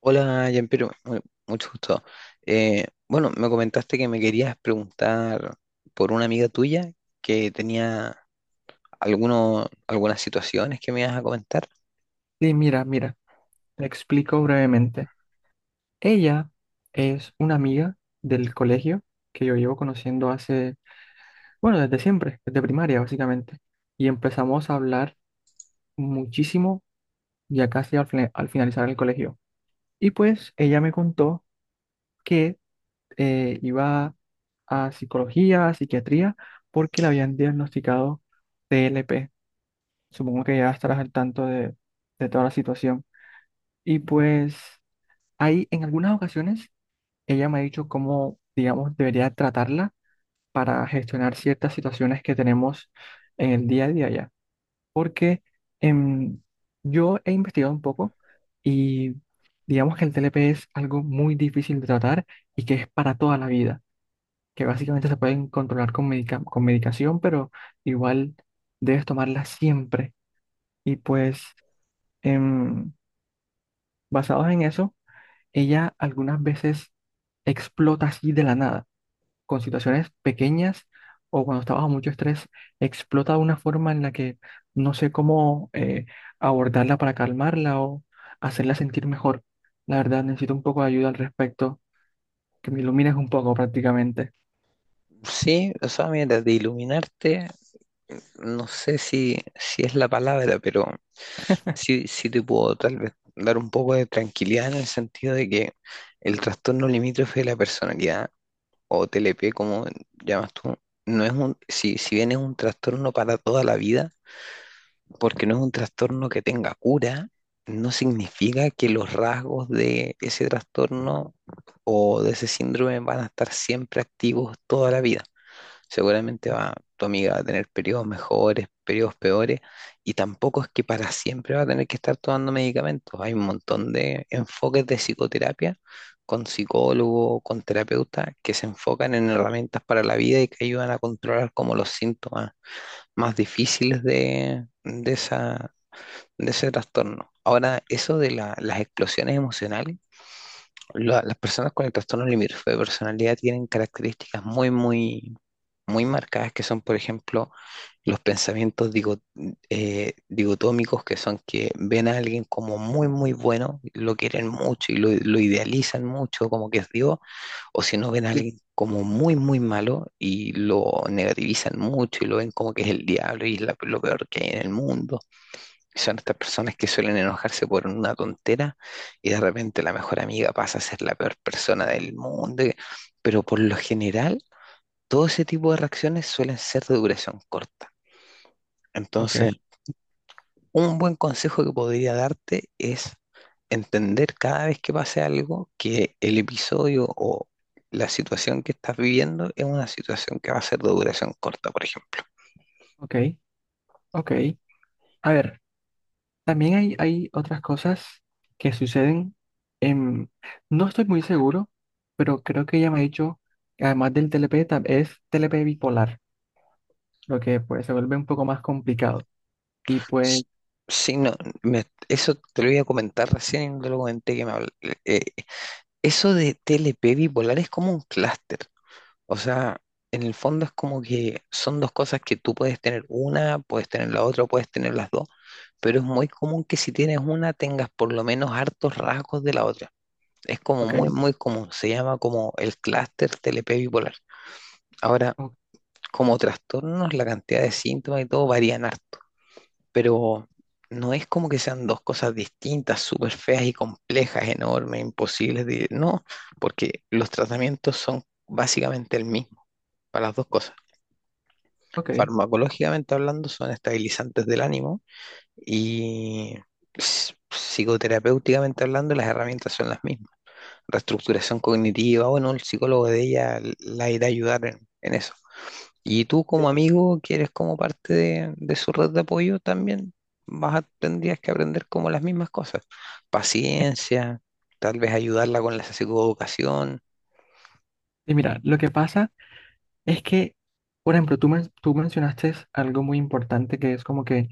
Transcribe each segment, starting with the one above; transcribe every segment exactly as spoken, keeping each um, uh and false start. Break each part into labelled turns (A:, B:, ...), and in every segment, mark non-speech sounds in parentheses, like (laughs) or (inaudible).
A: Hola, Jean-Pierre, mu- mucho gusto. Eh, bueno, me comentaste que me querías preguntar por una amiga tuya que tenía alguno, algunas situaciones que me ibas a comentar.
B: Sí, mira, mira, te explico brevemente. Ella es una amiga del colegio que yo llevo conociendo hace, bueno, desde siempre, desde primaria básicamente. Y empezamos a hablar muchísimo ya casi al, fina- al finalizar el colegio. Y pues ella me contó que eh, iba a psicología, a psiquiatría, porque le habían diagnosticado T L P. Supongo que ya estarás al tanto de, de toda la situación. Y pues ahí en algunas ocasiones ella me ha dicho cómo, digamos, debería tratarla para gestionar ciertas situaciones que tenemos en el día a día ya. Porque em, yo he investigado un poco y digamos que el T L P es algo muy difícil de tratar y que es para toda la vida, que básicamente se pueden controlar con medica- con medicación, pero igual debes tomarla siempre. Y pues, em, basados en eso, ella algunas veces explota así de la nada. con situaciones pequeñas o cuando está bajo mucho estrés, explota de una forma en la que no sé cómo eh, abordarla para calmarla o hacerla sentir mejor. La verdad, necesito un poco de ayuda al respecto, que me ilumines un poco prácticamente.
A: Sí, o sea, mira, de iluminarte, no sé si, si es la palabra, pero sí, sí te puedo tal vez dar un poco de tranquilidad en el sentido de que el trastorno limítrofe de la personalidad, o T L P, como llamas tú, no es un, si, si bien es un trastorno para toda la vida, porque no es un trastorno que tenga cura, no significa que los rasgos de ese trastorno o de ese síndrome van a estar siempre activos toda la vida. Seguramente va, tu amiga va a tener periodos mejores, periodos peores, y tampoco es que para siempre va a tener que estar tomando medicamentos. Hay un montón de enfoques de psicoterapia con psicólogo, con terapeuta, que se enfocan en herramientas para la vida y que ayudan a controlar como los síntomas más difíciles de, de esa, de ese trastorno. Ahora, eso de la- las explosiones emocionales, la- las personas con el trastorno limítrofe de personalidad tienen características muy, muy, muy marcadas, que son, por ejemplo, los pensamientos digo- eh, digotómicos, que son que ven a alguien como muy, muy bueno, lo quieren mucho y lo, lo idealizan mucho, como que es Dios, o si no ven a alguien como muy, muy malo y lo negativizan mucho y lo ven como que es el diablo y es la- lo peor que hay en el mundo. Son estas personas que suelen enojarse por una tontera y de repente la mejor amiga pasa a ser la peor persona del mundo. y- Pero por lo general, todo ese tipo de reacciones suelen ser de duración corta.
B: Ok.
A: Entonces, un buen consejo que podría darte es entender cada vez que pase algo que el episodio o la situación que estás viviendo es una situación que va a ser de duración corta, por ejemplo.
B: Ok, ok. A ver, también hay, hay otras cosas que suceden en... No estoy muy seguro, pero creo que ella me ha dicho que además del T L P, tam- es T L P bipolar, lo que pues se vuelve un poco más complicado. Y
A: S-
B: pues.
A: Sí, no, me- eso te lo iba a comentar recién y no te lo comenté que me habl- eh, eso de T L P bipolar es como un clúster. O sea, en el fondo es como que son dos cosas que tú puedes tener una, puedes tener la otra, puedes tener las dos, pero es muy común que si tienes una tengas por lo menos hartos rasgos de la otra. Es como
B: Ok,
A: muy, muy común. Se llama como el clúster T L P bipolar. Ahora,
B: o-
A: como trastornos, la cantidad de síntomas y todo varían harto, pero no es como que sean dos cosas distintas, súper feas y complejas, enormes, imposibles de... No, porque los tratamientos son básicamente el mismo para las dos cosas.
B: ok.
A: Farmacológicamente hablando, son estabilizantes del ánimo y ps- psicoterapéuticamente hablando, las herramientas son las mismas. Reestructuración cognitiva, bueno, el psicólogo de ella la irá a ayudar en en eso. Y tú,
B: Eh,
A: como amigo que eres, como parte de, de su red de apoyo también vas a, tendrías que aprender como las mismas cosas. Paciencia, tal vez ayudarla con la psicoeducación.
B: Y mira, lo que pasa es que, por ejemplo, tú, men- tú mencionaste algo muy importante que es como que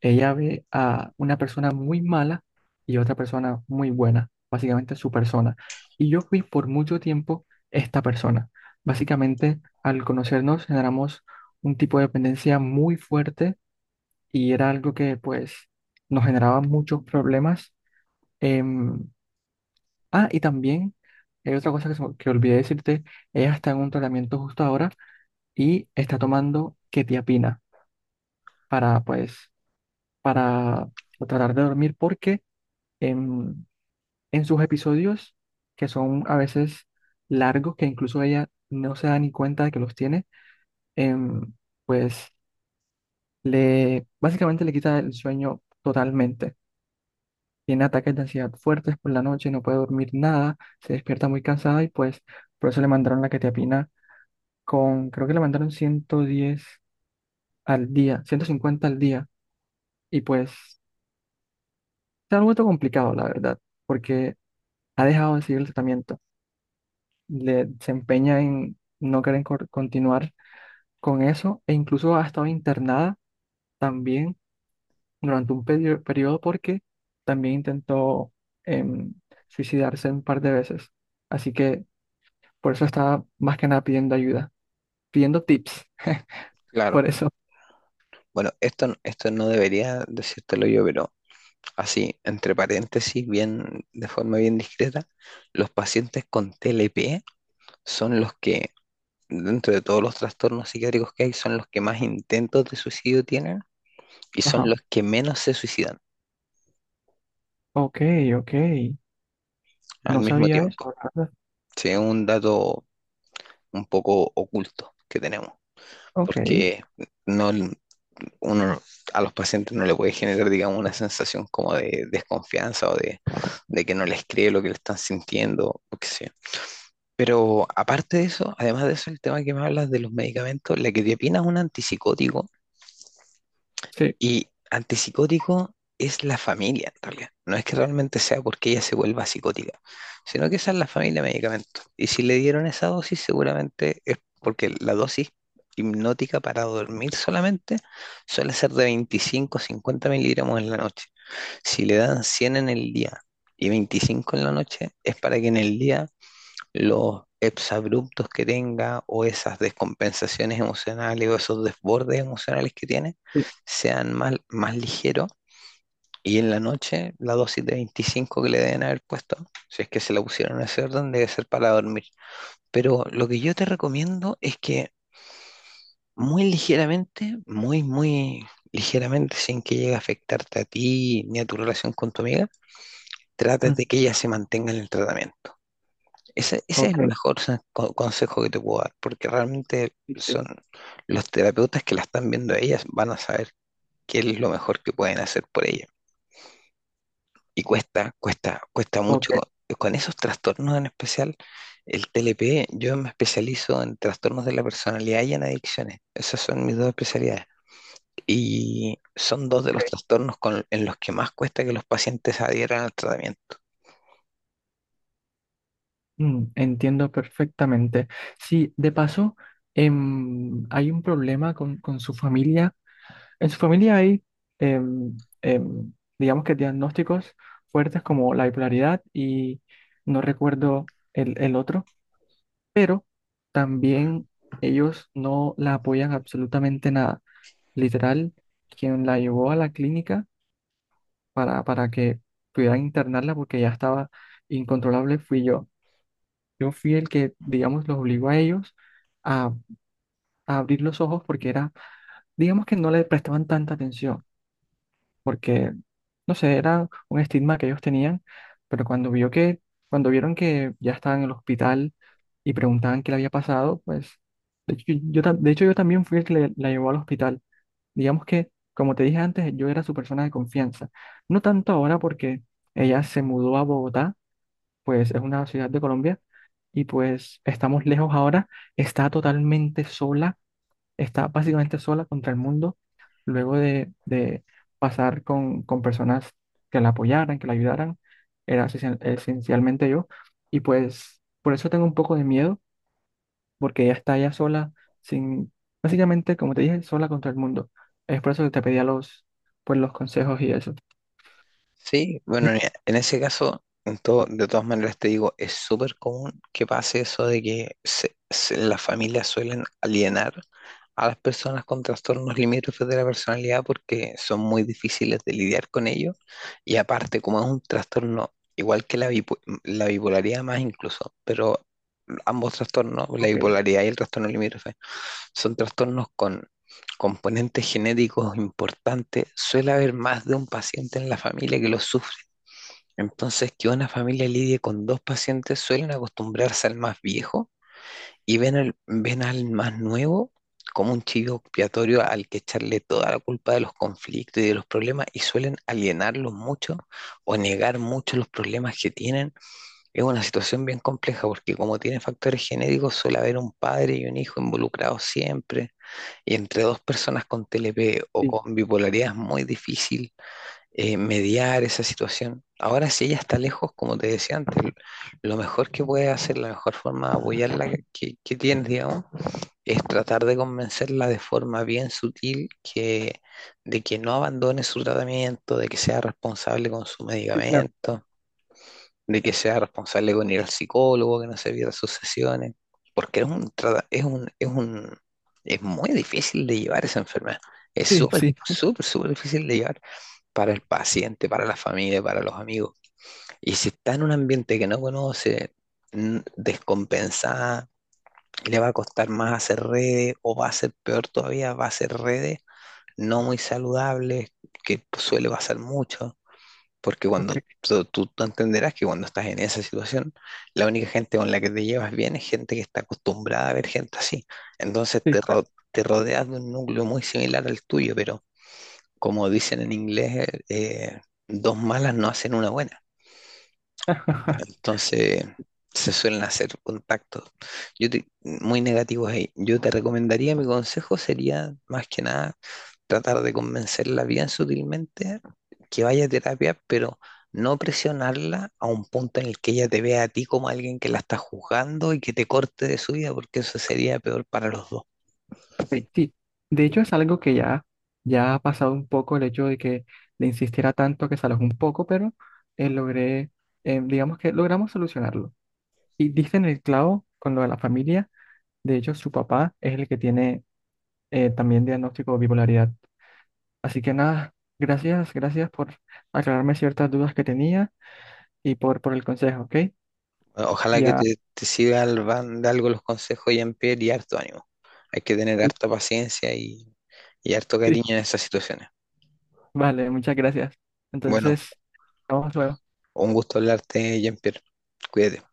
B: ella ve a una persona muy mala y otra persona muy buena, básicamente su persona. Y yo fui por mucho tiempo esta persona. Básicamente, al conocernos, generamos un tipo de dependencia muy fuerte y era algo que, pues, nos generaba muchos problemas. em, Ah, y también hay otra cosa que, se me- que olvidé decirte, ella está en un tratamiento justo ahora y está tomando quetiapina para, pues, para tratar de dormir porque en, en sus episodios, que son a veces largos, que incluso ella no se da ni cuenta de que los tiene, em, pues le, básicamente le quita el sueño totalmente. Tiene ataques de ansiedad fuertes por la noche, no puede dormir nada, se despierta muy cansada y pues por eso le mandaron la quetiapina con, creo que le mandaron ciento diez al día, ciento cincuenta al día, y pues se ha vuelto complicado, la verdad, porque ha dejado de seguir el tratamiento, le, se empeña en no querer cor- continuar con eso, e incluso ha estado internada también durante un perio- periodo porque también intentó em, suicidarse un par de veces, así que por eso estaba más que nada pidiendo ayuda, pidiendo tips,
A: Claro,
B: por eso.
A: bueno, esto, n- esto no debería decírtelo yo, pero así, entre paréntesis, bien, de forma bien discreta, los pacientes con T L P son los que, dentro de todos los trastornos psiquiátricos que hay, son los que más intentos de suicidio tienen y son
B: Ajá,
A: los que menos se suicidan
B: ok, ok.
A: al
B: No
A: mismo
B: sabía
A: tiempo.
B: eso.
A: Sí, es un dato un poco oculto que tenemos,
B: Ok,
A: porque no, uno a los pacientes no le puede generar, digamos, una sensación como de desconfianza o de, de que no les cree lo que le están sintiendo, o qué sé yo. Pero aparte de eso, además de eso, el tema que me hablas de los medicamentos, la quetiapina es un antipsicótico.
B: sí,
A: Y antipsicótico es la familia, en realidad. No es que realmente sea porque ella se vuelva psicótica, sino que esa es la familia de medicamentos. Y si le dieron esa dosis, seguramente es porque la dosis hipnótica para dormir solamente suele ser de veinticinco a cincuenta miligramos en la noche. Si le dan cien en el día y veinticinco en la noche, es para que en el día los exabruptos que tenga o esas descompensaciones emocionales o esos desbordes emocionales que tiene
B: sí,
A: sean más, más ligeros. Y en la noche, la dosis de veinticinco que le deben haber puesto, si es que se la pusieron en ese orden, debe ser para dormir. Pero lo que yo te recomiendo es que muy ligeramente, muy, muy ligeramente, sin que llegue a afectarte a ti ni a tu relación con tu amiga, trates
B: mm,
A: de que ella se mantenga en el tratamiento. Ese, ese es
B: ok,
A: el mejor sa- co- consejo que te puedo dar, porque realmente
B: sí, sí,
A: son los terapeutas que la están viendo a ellas van a saber qué es lo mejor que pueden hacer por ella. Y cuesta, cuesta, cuesta
B: ok,
A: mucho. Con esos trastornos en especial, el T L P, yo me especializo en trastornos de la personalidad y en adicciones. Esas son mis dos especialidades. Y son dos de los
B: ok.
A: trastornos con- en los que más cuesta que los pacientes adhieran al tratamiento.
B: Mm, entiendo perfectamente. Sí, de paso, em, hay un problema con, con su familia. En su familia hay, em, em, digamos que diagnósticos fuertes como la bipolaridad y no recuerdo el, el otro, pero también ellos no la apoyan absolutamente nada. Literal, quien la llevó a la clínica. para, para que pudieran internarla porque ya estaba incontrolable, fui yo. Yo fui el que, digamos, los obligó a ellos a, a abrir los ojos porque era, digamos que no le prestaban tanta atención, porque, no sé, era un estigma que ellos tenían, pero cuando vio que, cuando vieron que ya estaban en el hospital y preguntaban qué le había pasado, pues, de hecho, yo, tam- de hecho, yo también fui el que le- la llevó al hospital. Digamos que, como te dije antes, yo era su persona de confianza. No tanto ahora porque ella se mudó a Bogotá, pues es una ciudad de Colombia, y pues estamos lejos ahora, está totalmente sola, está básicamente sola contra el mundo, luego de, de pasar con, con personas que la apoyaran, que la ayudaran, era esencial- esencialmente yo, y pues por eso tengo un poco de miedo, porque ella está ya sola, sin, básicamente, como te dije, sola contra el mundo. Es por eso que te pedía los, pues, los consejos y eso.
A: Sí,
B: Sí.
A: bueno, en en ese caso, en todo-
B: Ah,
A: de todas maneras te digo, es súper común que pase eso de que se- se- las familias suelen alienar a las personas con trastornos limítrofes de la personalidad porque son muy difíciles de lidiar con ellos, y aparte como es un trastorno igual que la, bipo- la bipolaridad más incluso, pero ambos trastornos, la
B: ok,
A: bipolaridad y el trastorno limítrofe, son trastornos con componentes genéticos importantes, suele haber más de un paciente en la familia que lo sufre. Entonces, que una familia lidie con dos pacientes, suelen acostumbrarse al más viejo y ven, el- ven al más nuevo como un chivo expiatorio al que echarle toda la culpa de los conflictos y de los problemas, y suelen alienarlos mucho o negar mucho los problemas que tienen. Es una situación bien compleja porque como tiene factores genéticos suele haber un padre y un hijo involucrados siempre, y entre dos personas con T L P o
B: sí,
A: con bipolaridad es muy difícil eh, mediar esa situación. Ahora, si ella está lejos, como te decía antes, lo mejor que puede hacer, la mejor forma de apoyarla que, que tienes, digamos, es tratar de convencerla de forma bien sutil que, de que no abandone su tratamiento, de que sea responsable con su
B: sí, claro.
A: medicamento, de que sea responsable con ir al psicólogo, que no se pierda sus sesiones, porque es un, trata- es un, es un, es muy difícil de llevar esa enfermedad. Es
B: Sí,
A: súper,
B: sí, (laughs)
A: súper, súper difícil de llevar para el paciente, para la familia, para los amigos. Y si está en un ambiente que no conoce, mm, descompensada, le va a costar más hacer redes, o va a ser peor todavía, va a hacer redes no muy saludables, que suele pasar mucho. Porque cuando
B: ok,
A: tú, tú- entenderás que cuando estás en esa situación, la única gente con la que te llevas bien es gente que está acostumbrada a ver gente así. Entonces
B: sí,
A: te,
B: claro.
A: ro- te rodeas de un núcleo muy similar al tuyo, pero como dicen en inglés, eh, dos malas no hacen una buena. Entonces se suelen hacer contactos yo te- muy negativos ahí. Yo te recomendaría, mi consejo sería más que nada tratar de convencerla bien sutilmente que vaya a terapia, pero no presionarla a un punto en el que ella te vea a ti como alguien que la está juzgando y que te corte de su vida, porque eso sería peor para los dos.
B: Sí, sí. De hecho es algo que ya, ya ha pasado un poco el hecho de que le insistiera tanto que se alojó un poco, pero eh, logré, eh, digamos que logramos solucionarlo. Y diste en el clavo con lo de la familia, de hecho su papá es el que tiene eh, también diagnóstico de bipolaridad. Así que nada, gracias, gracias por aclararme ciertas dudas que tenía y por, por el consejo, ¿ok?
A: Ojalá que
B: Ya,
A: te, te siga al van de algo los consejos, Jean-Pierre, y harto ánimo. Hay que tener harta
B: (laughs)
A: paciencia y, y harto
B: sí,
A: cariño en esas situaciones.
B: vale, muchas gracias.
A: Bueno,
B: Entonces, vamos luego.
A: un gusto hablarte, Jean-Pierre. Cuídate.